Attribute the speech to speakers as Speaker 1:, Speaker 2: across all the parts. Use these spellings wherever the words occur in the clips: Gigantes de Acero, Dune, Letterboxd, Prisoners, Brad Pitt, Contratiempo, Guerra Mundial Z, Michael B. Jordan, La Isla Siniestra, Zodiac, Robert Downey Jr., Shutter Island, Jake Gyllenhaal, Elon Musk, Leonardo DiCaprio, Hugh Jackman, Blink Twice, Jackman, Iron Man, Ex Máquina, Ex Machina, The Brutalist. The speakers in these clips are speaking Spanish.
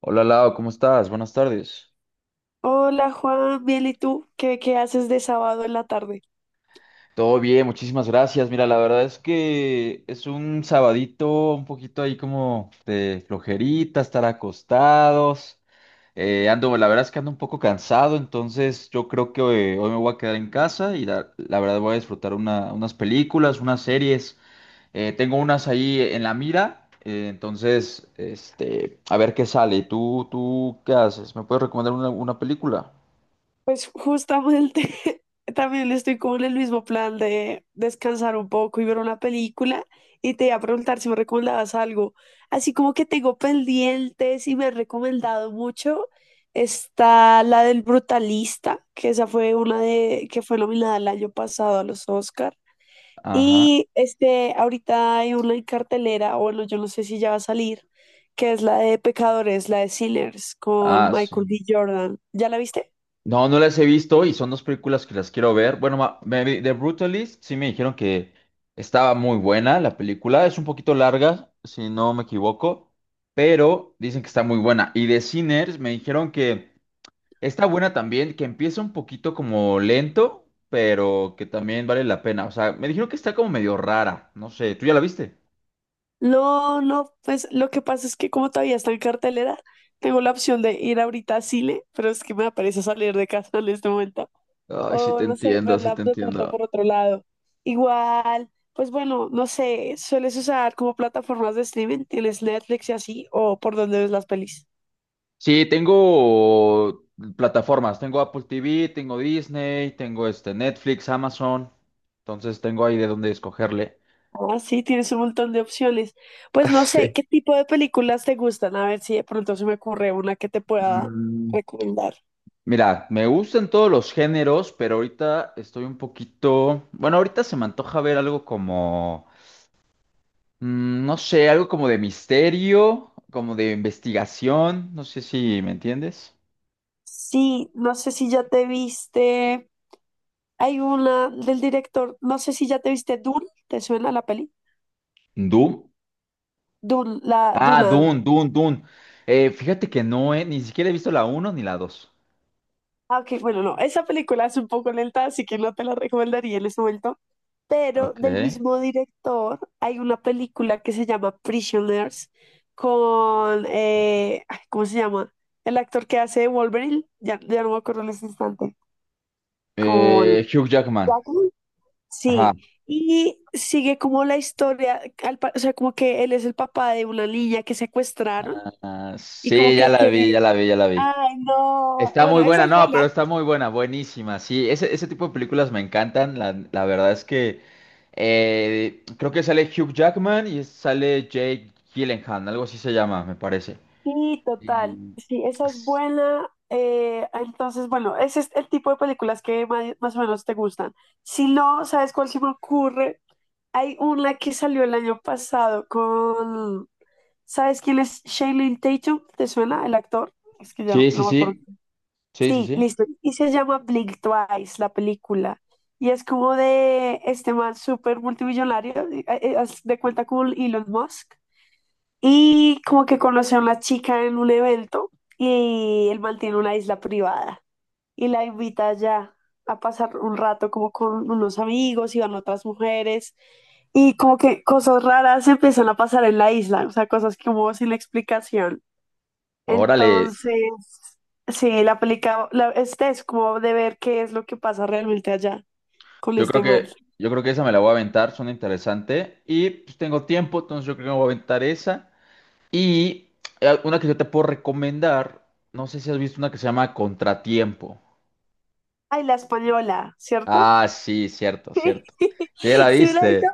Speaker 1: Hola Lau, ¿cómo estás? Buenas tardes.
Speaker 2: Hola Juan, bien, ¿y tú? ¿Qué haces de sábado en la tarde?
Speaker 1: Todo bien, muchísimas gracias. Mira, la verdad es que es un sabadito un poquito ahí como de flojerita, estar acostados. Ando, la verdad es que ando un poco cansado, entonces yo creo que hoy me voy a quedar en casa y la verdad voy a disfrutar unas películas, unas series. Tengo unas ahí en la mira, entonces, a ver qué sale. Tú qué haces? ¿Me puedes recomendar una película?
Speaker 2: Pues justamente también estoy como en el mismo plan de descansar un poco y ver una película. Y te iba a preguntar si me recomendabas algo. Así como que tengo pendientes y me han recomendado mucho. Está la del Brutalista, que esa fue una de que fue nominada el año pasado a los Oscar.
Speaker 1: Ajá.
Speaker 2: Y este, ahorita hay una en cartelera, o bueno, yo no sé si ya va a salir, que es la de Pecadores, la de Sinners, con
Speaker 1: Ah, sí.
Speaker 2: Michael B. Jordan. ¿Ya la viste?
Speaker 1: No, no las he visto y son dos películas que las quiero ver. Bueno, The Brutalist sí me dijeron que estaba muy buena la película. Es un poquito larga, si no me equivoco, pero dicen que está muy buena. Y The Sinners me dijeron que está buena también, que empieza un poquito como lento, pero que también vale la pena. O sea, me dijeron que está como medio rara. No sé, ¿tú ya la viste?
Speaker 2: No, pues lo que pasa es que como todavía está en cartelera, tengo la opción de ir ahorita a Chile, pero es que me aparece salir de casa en este momento.
Speaker 1: Ay, sí
Speaker 2: O
Speaker 1: te
Speaker 2: no sé,
Speaker 1: entiendo, sí
Speaker 2: verla
Speaker 1: te
Speaker 2: de pronto
Speaker 1: entiendo.
Speaker 2: por otro lado. Igual, pues bueno, no sé, ¿sueles usar como plataformas de streaming? ¿Tienes Netflix y así? ¿O por dónde ves las pelis?
Speaker 1: Sí, tengo plataformas, tengo Apple TV, tengo Disney, tengo este Netflix, Amazon, entonces tengo ahí de dónde escogerle.
Speaker 2: Ah, sí, tienes un montón de opciones. Pues no sé,
Speaker 1: Sí.
Speaker 2: ¿qué tipo de películas te gustan? A ver si de pronto se me ocurre una que te pueda
Speaker 1: Mm,
Speaker 2: recomendar.
Speaker 1: Mira, me gustan todos los géneros, pero ahorita estoy un poquito, bueno, ahorita se me antoja ver algo como, no sé, algo como de misterio, como de investigación, no sé si me entiendes.
Speaker 2: Sí, no sé si ya te viste. Hay una del director, no sé si ya te viste Dune, ¿te suena la peli?
Speaker 1: Doom.
Speaker 2: Dune, la
Speaker 1: Ah,
Speaker 2: Duna.
Speaker 1: Dune, Dune, Dune. Fíjate que no, ni siquiera he visto la uno ni la 2.
Speaker 2: Ah, ok, bueno, no, esa película es un poco lenta, así que no te la recomendaría en este momento, pero
Speaker 1: Ok.
Speaker 2: del mismo director hay una película que se llama Prisoners con, ay, ¿cómo se llama? El actor que hace de Wolverine, ya no me acuerdo en este instante, con
Speaker 1: Hugh Jackman.
Speaker 2: Jackman,
Speaker 1: Ajá.
Speaker 2: sí, y sigue como la historia, o sea, como que él es el papá de una niña que secuestraron
Speaker 1: Ah,
Speaker 2: y como
Speaker 1: sí, ya
Speaker 2: que
Speaker 1: la
Speaker 2: quiere,
Speaker 1: vi, ya la vi, ya la vi.
Speaker 2: ay, no,
Speaker 1: Está
Speaker 2: bueno,
Speaker 1: muy
Speaker 2: eso
Speaker 1: buena,
Speaker 2: es.
Speaker 1: no, pero está muy buena, buenísima. Sí, ese tipo de películas me encantan. La verdad es que creo que sale Hugh Jackman y sale Jake Gyllenhaal, algo así se llama, me parece.
Speaker 2: Sí, total.
Speaker 1: Y-
Speaker 2: Sí, esa es buena. Entonces, bueno, ese es el tipo de películas que más, o menos te gustan. Si no, ¿sabes cuál se me ocurre? Hay una que salió el año pasado con... ¿Sabes quién es Shailene Tatum? ¿Te suena el actor? Es que ya
Speaker 1: Sí, sí,
Speaker 2: no me acuerdo.
Speaker 1: sí, sí, sí,
Speaker 2: Sí,
Speaker 1: sí.
Speaker 2: listo. Y se llama Blink Twice, la película. Y es como de este man súper multimillonario, haz de cuenta con Elon Musk y como que conoce a una chica en un evento y él mantiene una isla privada y la invita allá a pasar un rato como con unos amigos y van otras mujeres y como que cosas raras empiezan a pasar en la isla, o sea, cosas como sin explicación.
Speaker 1: Órale,
Speaker 2: Entonces, sí, la película, este es como de ver qué es lo que pasa realmente allá con
Speaker 1: yo creo
Speaker 2: este man.
Speaker 1: que, yo creo que esa me la voy a aventar, suena interesante. Y pues tengo tiempo, entonces yo creo que me voy a aventar esa. Y una que yo te puedo recomendar, no sé si has visto una que se llama Contratiempo.
Speaker 2: Ay, la española, ¿cierto?
Speaker 1: Ah, sí, cierto, cierto. Sí, ya la
Speaker 2: Sí, me la he visto.
Speaker 1: viste.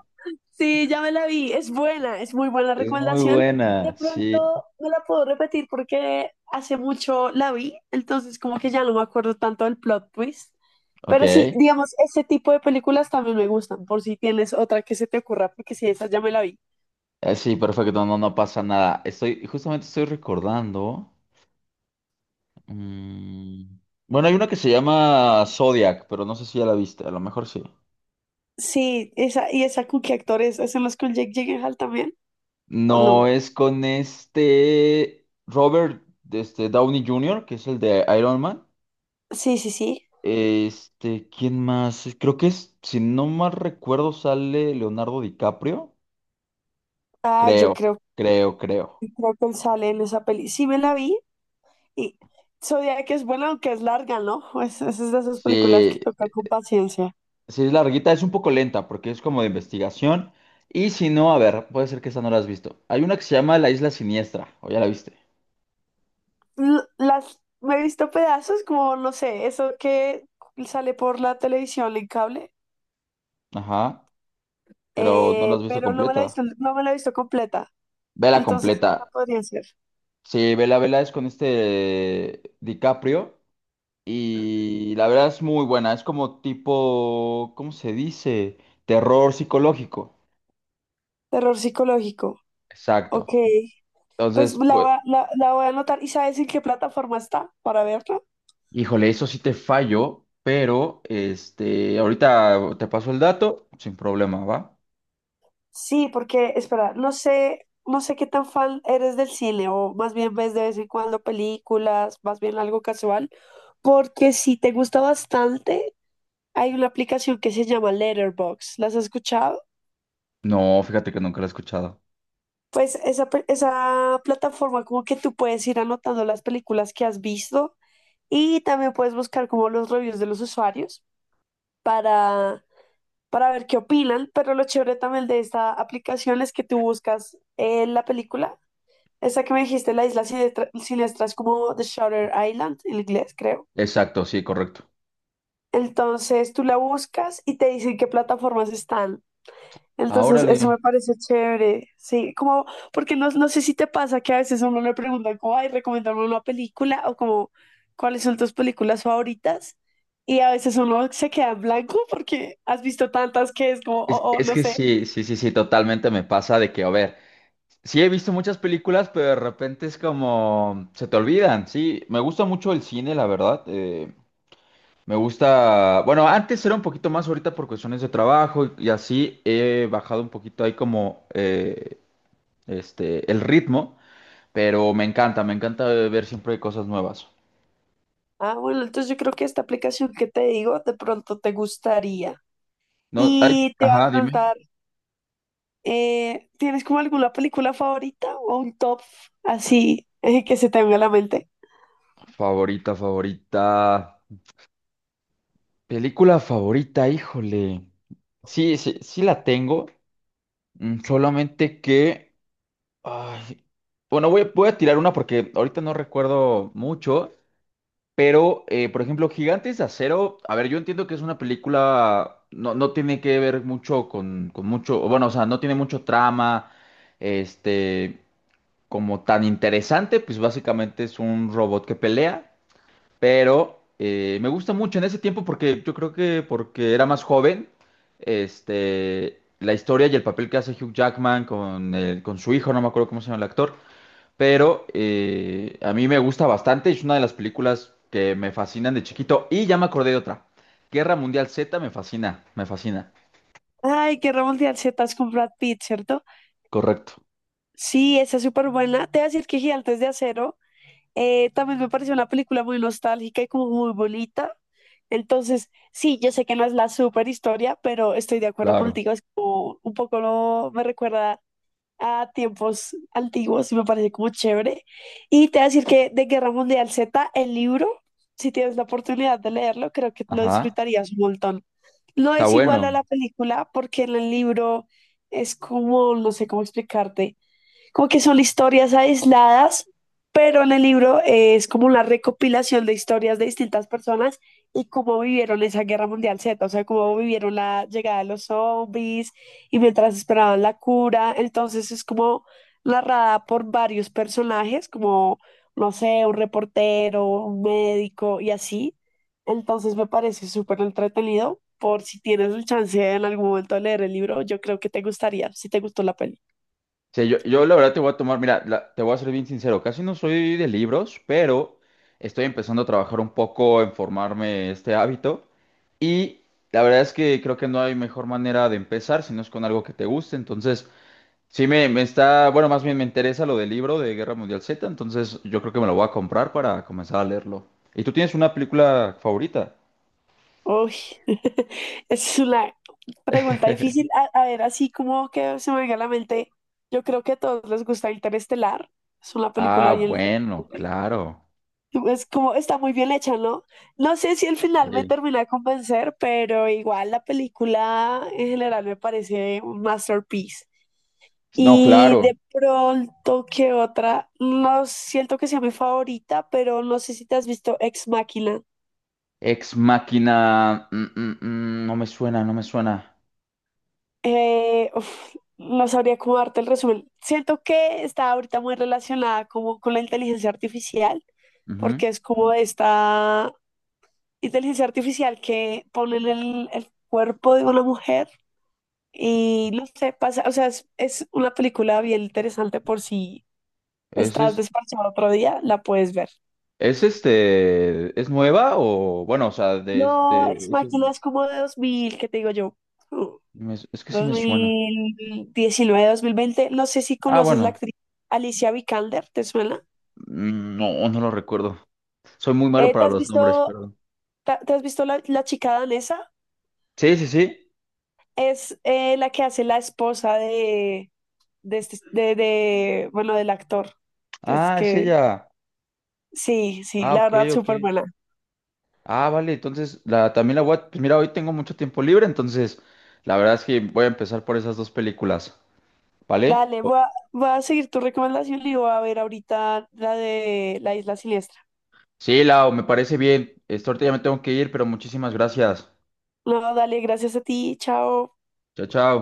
Speaker 2: Sí, ya me la vi. Es buena, es muy buena
Speaker 1: Es muy
Speaker 2: recomendación. De
Speaker 1: buena,
Speaker 2: pronto
Speaker 1: sí.
Speaker 2: no la puedo repetir porque hace mucho la vi, entonces como que ya no me acuerdo tanto del plot twist.
Speaker 1: Ok.
Speaker 2: Pero sí, digamos, ese tipo de películas también me gustan, por si tienes otra que se te ocurra, porque sí, esa ya me la vi.
Speaker 1: Sí, perfecto, no, no pasa nada. Estoy, justamente estoy recordando. mm, Bueno, hay una que se llama Zodiac, pero no sé si ya la viste, a lo mejor sí.
Speaker 2: Sí, esa, y esa con qué actores, ¿es en los con Jake Gyllenhaal también? ¿O
Speaker 1: No
Speaker 2: no?
Speaker 1: es con este Robert Downey Jr., que es el de Iron Man.
Speaker 2: Sí, sí, sí.
Speaker 1: Este, ¿quién más? Creo que es, si no mal recuerdo, sale Leonardo DiCaprio.
Speaker 2: Ah, yo
Speaker 1: Creo,
Speaker 2: creo,
Speaker 1: creo.
Speaker 2: creo que él sale en esa peli. Sí me la vi. Y Zodiac es buena, aunque es larga, ¿no? Es de esas películas que
Speaker 1: Sí,
Speaker 2: toca con paciencia.
Speaker 1: sí es larguita, es un poco lenta porque es como de investigación. Y si no, a ver, puede ser que esa no la has visto. Hay una que se llama La Isla Siniestra, o ya la viste.
Speaker 2: L- Las, me he visto pedazos, como, no sé, eso que sale por la televisión en cable,
Speaker 1: Ajá, pero no la has visto
Speaker 2: pero no me la he
Speaker 1: completa.
Speaker 2: visto, no me la he visto completa.
Speaker 1: Vela
Speaker 2: Entonces, esa
Speaker 1: completa.
Speaker 2: podría ser.
Speaker 1: Sí, vela es con este DiCaprio. Y la verdad es muy buena, es como tipo, ¿cómo se dice? Terror psicológico.
Speaker 2: Terror psicológico.
Speaker 1: Exacto.
Speaker 2: Ok. Pues
Speaker 1: Entonces,
Speaker 2: la
Speaker 1: pues,
Speaker 2: voy a, la voy a anotar. ¿Y sabes en qué plataforma está para verla?
Speaker 1: híjole, eso sí te fallo, pero este, ahorita te paso el dato sin problema, ¿va?
Speaker 2: Sí, porque, espera, no sé, no sé qué tan fan eres del cine, o más bien ves de vez en cuando películas, más bien algo casual, porque si te gusta bastante, hay una aplicación que se llama Letterboxd. ¿Las has escuchado?
Speaker 1: No, fíjate que nunca lo he escuchado.
Speaker 2: Pues esa, esa plataforma como que tú puedes ir anotando las películas que has visto y también puedes buscar como los reviews de los usuarios para, para ver qué opinan, pero lo chévere también de esta aplicación es que tú buscas la película. Esa que me dijiste, la isla siniestra, siniestra es como The Shutter Island en inglés, creo.
Speaker 1: Exacto, sí, correcto.
Speaker 2: Entonces tú la buscas y te dicen qué plataformas están.
Speaker 1: Ah,
Speaker 2: Entonces eso
Speaker 1: órale.
Speaker 2: me parece chévere, sí, como porque no, no sé si te pasa que a veces a uno le preguntan como, ay, recomendarme una película o como, ¿cuáles son tus películas favoritas? Y a veces uno se queda en blanco porque has visto tantas que es como,
Speaker 1: Es,
Speaker 2: oh,
Speaker 1: es
Speaker 2: no
Speaker 1: que
Speaker 2: sé.
Speaker 1: sí, sí, sí, sí, totalmente me pasa de que, a ver, sí he visto muchas películas, pero de repente es como, se te olvidan, sí. Me gusta mucho el cine, la verdad. Me gusta, bueno, antes era un poquito más ahorita por cuestiones de trabajo y así he bajado un poquito ahí como este el ritmo, pero me encanta ver siempre cosas nuevas.
Speaker 2: Ah, bueno, entonces yo creo que esta aplicación que te digo de pronto te gustaría.
Speaker 1: No, ay,
Speaker 2: Y te va a
Speaker 1: ajá, dime.
Speaker 2: preguntar, ¿tienes como alguna película favorita o un top así que se te venga a la mente?
Speaker 1: Favorita, favorita. Película favorita, híjole. Sí, sí, sí la tengo, solamente que ay, bueno, voy a tirar una porque ahorita no recuerdo mucho. Pero, por ejemplo, Gigantes de Acero, a ver, yo entiendo que es una película, no, no tiene que ver mucho con mucho, o bueno, o sea, no tiene mucho trama, este, como tan interesante, pues básicamente es un robot que pelea, pero me gusta mucho en ese tiempo porque yo creo que porque era más joven, la historia y el papel que hace Hugh Jackman con, con su hijo, no me acuerdo cómo se llama el actor, pero a mí me gusta bastante, es una de las películas que me fascinan de chiquito y ya me acordé de otra. Guerra Mundial Z me fascina, me fascina.
Speaker 2: Ay, Guerra Mundial Z es con Brad Pitt, ¿cierto?
Speaker 1: Correcto.
Speaker 2: Sí, esa es súper buena. Te voy a decir que Gigantes de Acero también me pareció una película muy nostálgica y como muy bonita. Entonces, sí, yo sé que no es la super historia, pero estoy de acuerdo
Speaker 1: Claro.
Speaker 2: contigo. Es como un poco me recuerda a tiempos antiguos y me parece como chévere. Y te voy a decir que de Guerra Mundial Z, el libro, si tienes la oportunidad de leerlo, creo que lo
Speaker 1: Ajá,
Speaker 2: disfrutarías un montón. No
Speaker 1: está
Speaker 2: es igual
Speaker 1: bueno.
Speaker 2: a la película porque en el libro es como, no sé cómo explicarte como que son historias aisladas, pero en el libro es como una recopilación de historias de distintas personas y cómo vivieron esa guerra mundial Z, o sea, cómo vivieron la llegada de los zombies y mientras esperaban la cura. Entonces es como narrada por varios personajes, como, no sé, un reportero, un médico y así. Entonces me parece súper entretenido. Por si tienes el chance en algún momento de leer el libro, yo creo que te gustaría, si te gustó la peli.
Speaker 1: Sí, yo la verdad te voy a tomar, mira, te voy a ser bien sincero, casi no soy de libros, pero estoy empezando a trabajar un poco en formarme este hábito y la verdad es que creo que no hay mejor manera de empezar si no es con algo que te guste, entonces sí, me está, bueno, más bien me interesa lo del libro de Guerra Mundial Z, entonces yo creo que me lo voy a comprar para comenzar a leerlo. ¿Y tú tienes una película favorita?
Speaker 2: Uy, es una pregunta difícil. A ver, así como que se me venga a la mente, yo creo que a todos les gusta Interestelar. Es una película
Speaker 1: Ah,
Speaker 2: bien...
Speaker 1: bueno,
Speaker 2: interesante.
Speaker 1: claro.
Speaker 2: Es como, está muy bien hecha, ¿no? No sé si al final me
Speaker 1: Sí.
Speaker 2: termina de convencer, pero igual la película en general me parece un masterpiece.
Speaker 1: No,
Speaker 2: Y
Speaker 1: claro.
Speaker 2: de pronto, ¿qué otra? No siento que sea mi favorita, pero no sé si te has visto Ex Machina.
Speaker 1: Ex Máquina. No me suena, no me suena.
Speaker 2: Uf, no sabría cómo darte el resumen. Siento que está ahorita muy relacionada como con la inteligencia artificial, porque
Speaker 1: Ujú.
Speaker 2: es como esta inteligencia artificial que pone en el cuerpo de una mujer y no sé, pasa, o sea, es una película bien interesante por si
Speaker 1: ¿Es,
Speaker 2: estás
Speaker 1: es,
Speaker 2: desparchado otro día, la puedes ver.
Speaker 1: es este. ¿Es nueva o.? Bueno, o sea,
Speaker 2: No, Ex
Speaker 1: es,
Speaker 2: Machina es como de 2000 ¿qué te digo yo? Uh,
Speaker 1: es que sí
Speaker 2: dos
Speaker 1: me suena.
Speaker 2: mil diecinueve, 2020. No sé si
Speaker 1: Ah,
Speaker 2: conoces la
Speaker 1: bueno.
Speaker 2: actriz Alicia Vikander, ¿te suena?
Speaker 1: No, no lo recuerdo. Soy muy malo
Speaker 2: ¿Te
Speaker 1: para
Speaker 2: has
Speaker 1: los nombres,
Speaker 2: visto,
Speaker 1: perdón.
Speaker 2: has visto la, la chica danesa?
Speaker 1: Sí, sí, sí.
Speaker 2: Es la que hace la esposa de, de, bueno, del actor. que Es
Speaker 1: Ah, es
Speaker 2: que,
Speaker 1: ella.
Speaker 2: sí, sí,
Speaker 1: Ah,
Speaker 2: la
Speaker 1: ok,
Speaker 2: verdad,
Speaker 1: ok.
Speaker 2: súper buena.
Speaker 1: Ah, vale, entonces también la voy a... Pues mira, hoy tengo mucho tiempo libre, entonces la verdad es que voy a empezar por esas dos películas, ¿vale?
Speaker 2: Dale, voy a, voy a seguir tu recomendación y voy a ver ahorita la de La Isla Siniestra.
Speaker 1: Sí, Lau, me parece bien. Este, ahorita ya me tengo que ir, pero muchísimas gracias.
Speaker 2: No, dale, gracias a ti, chao.
Speaker 1: Chao, chao.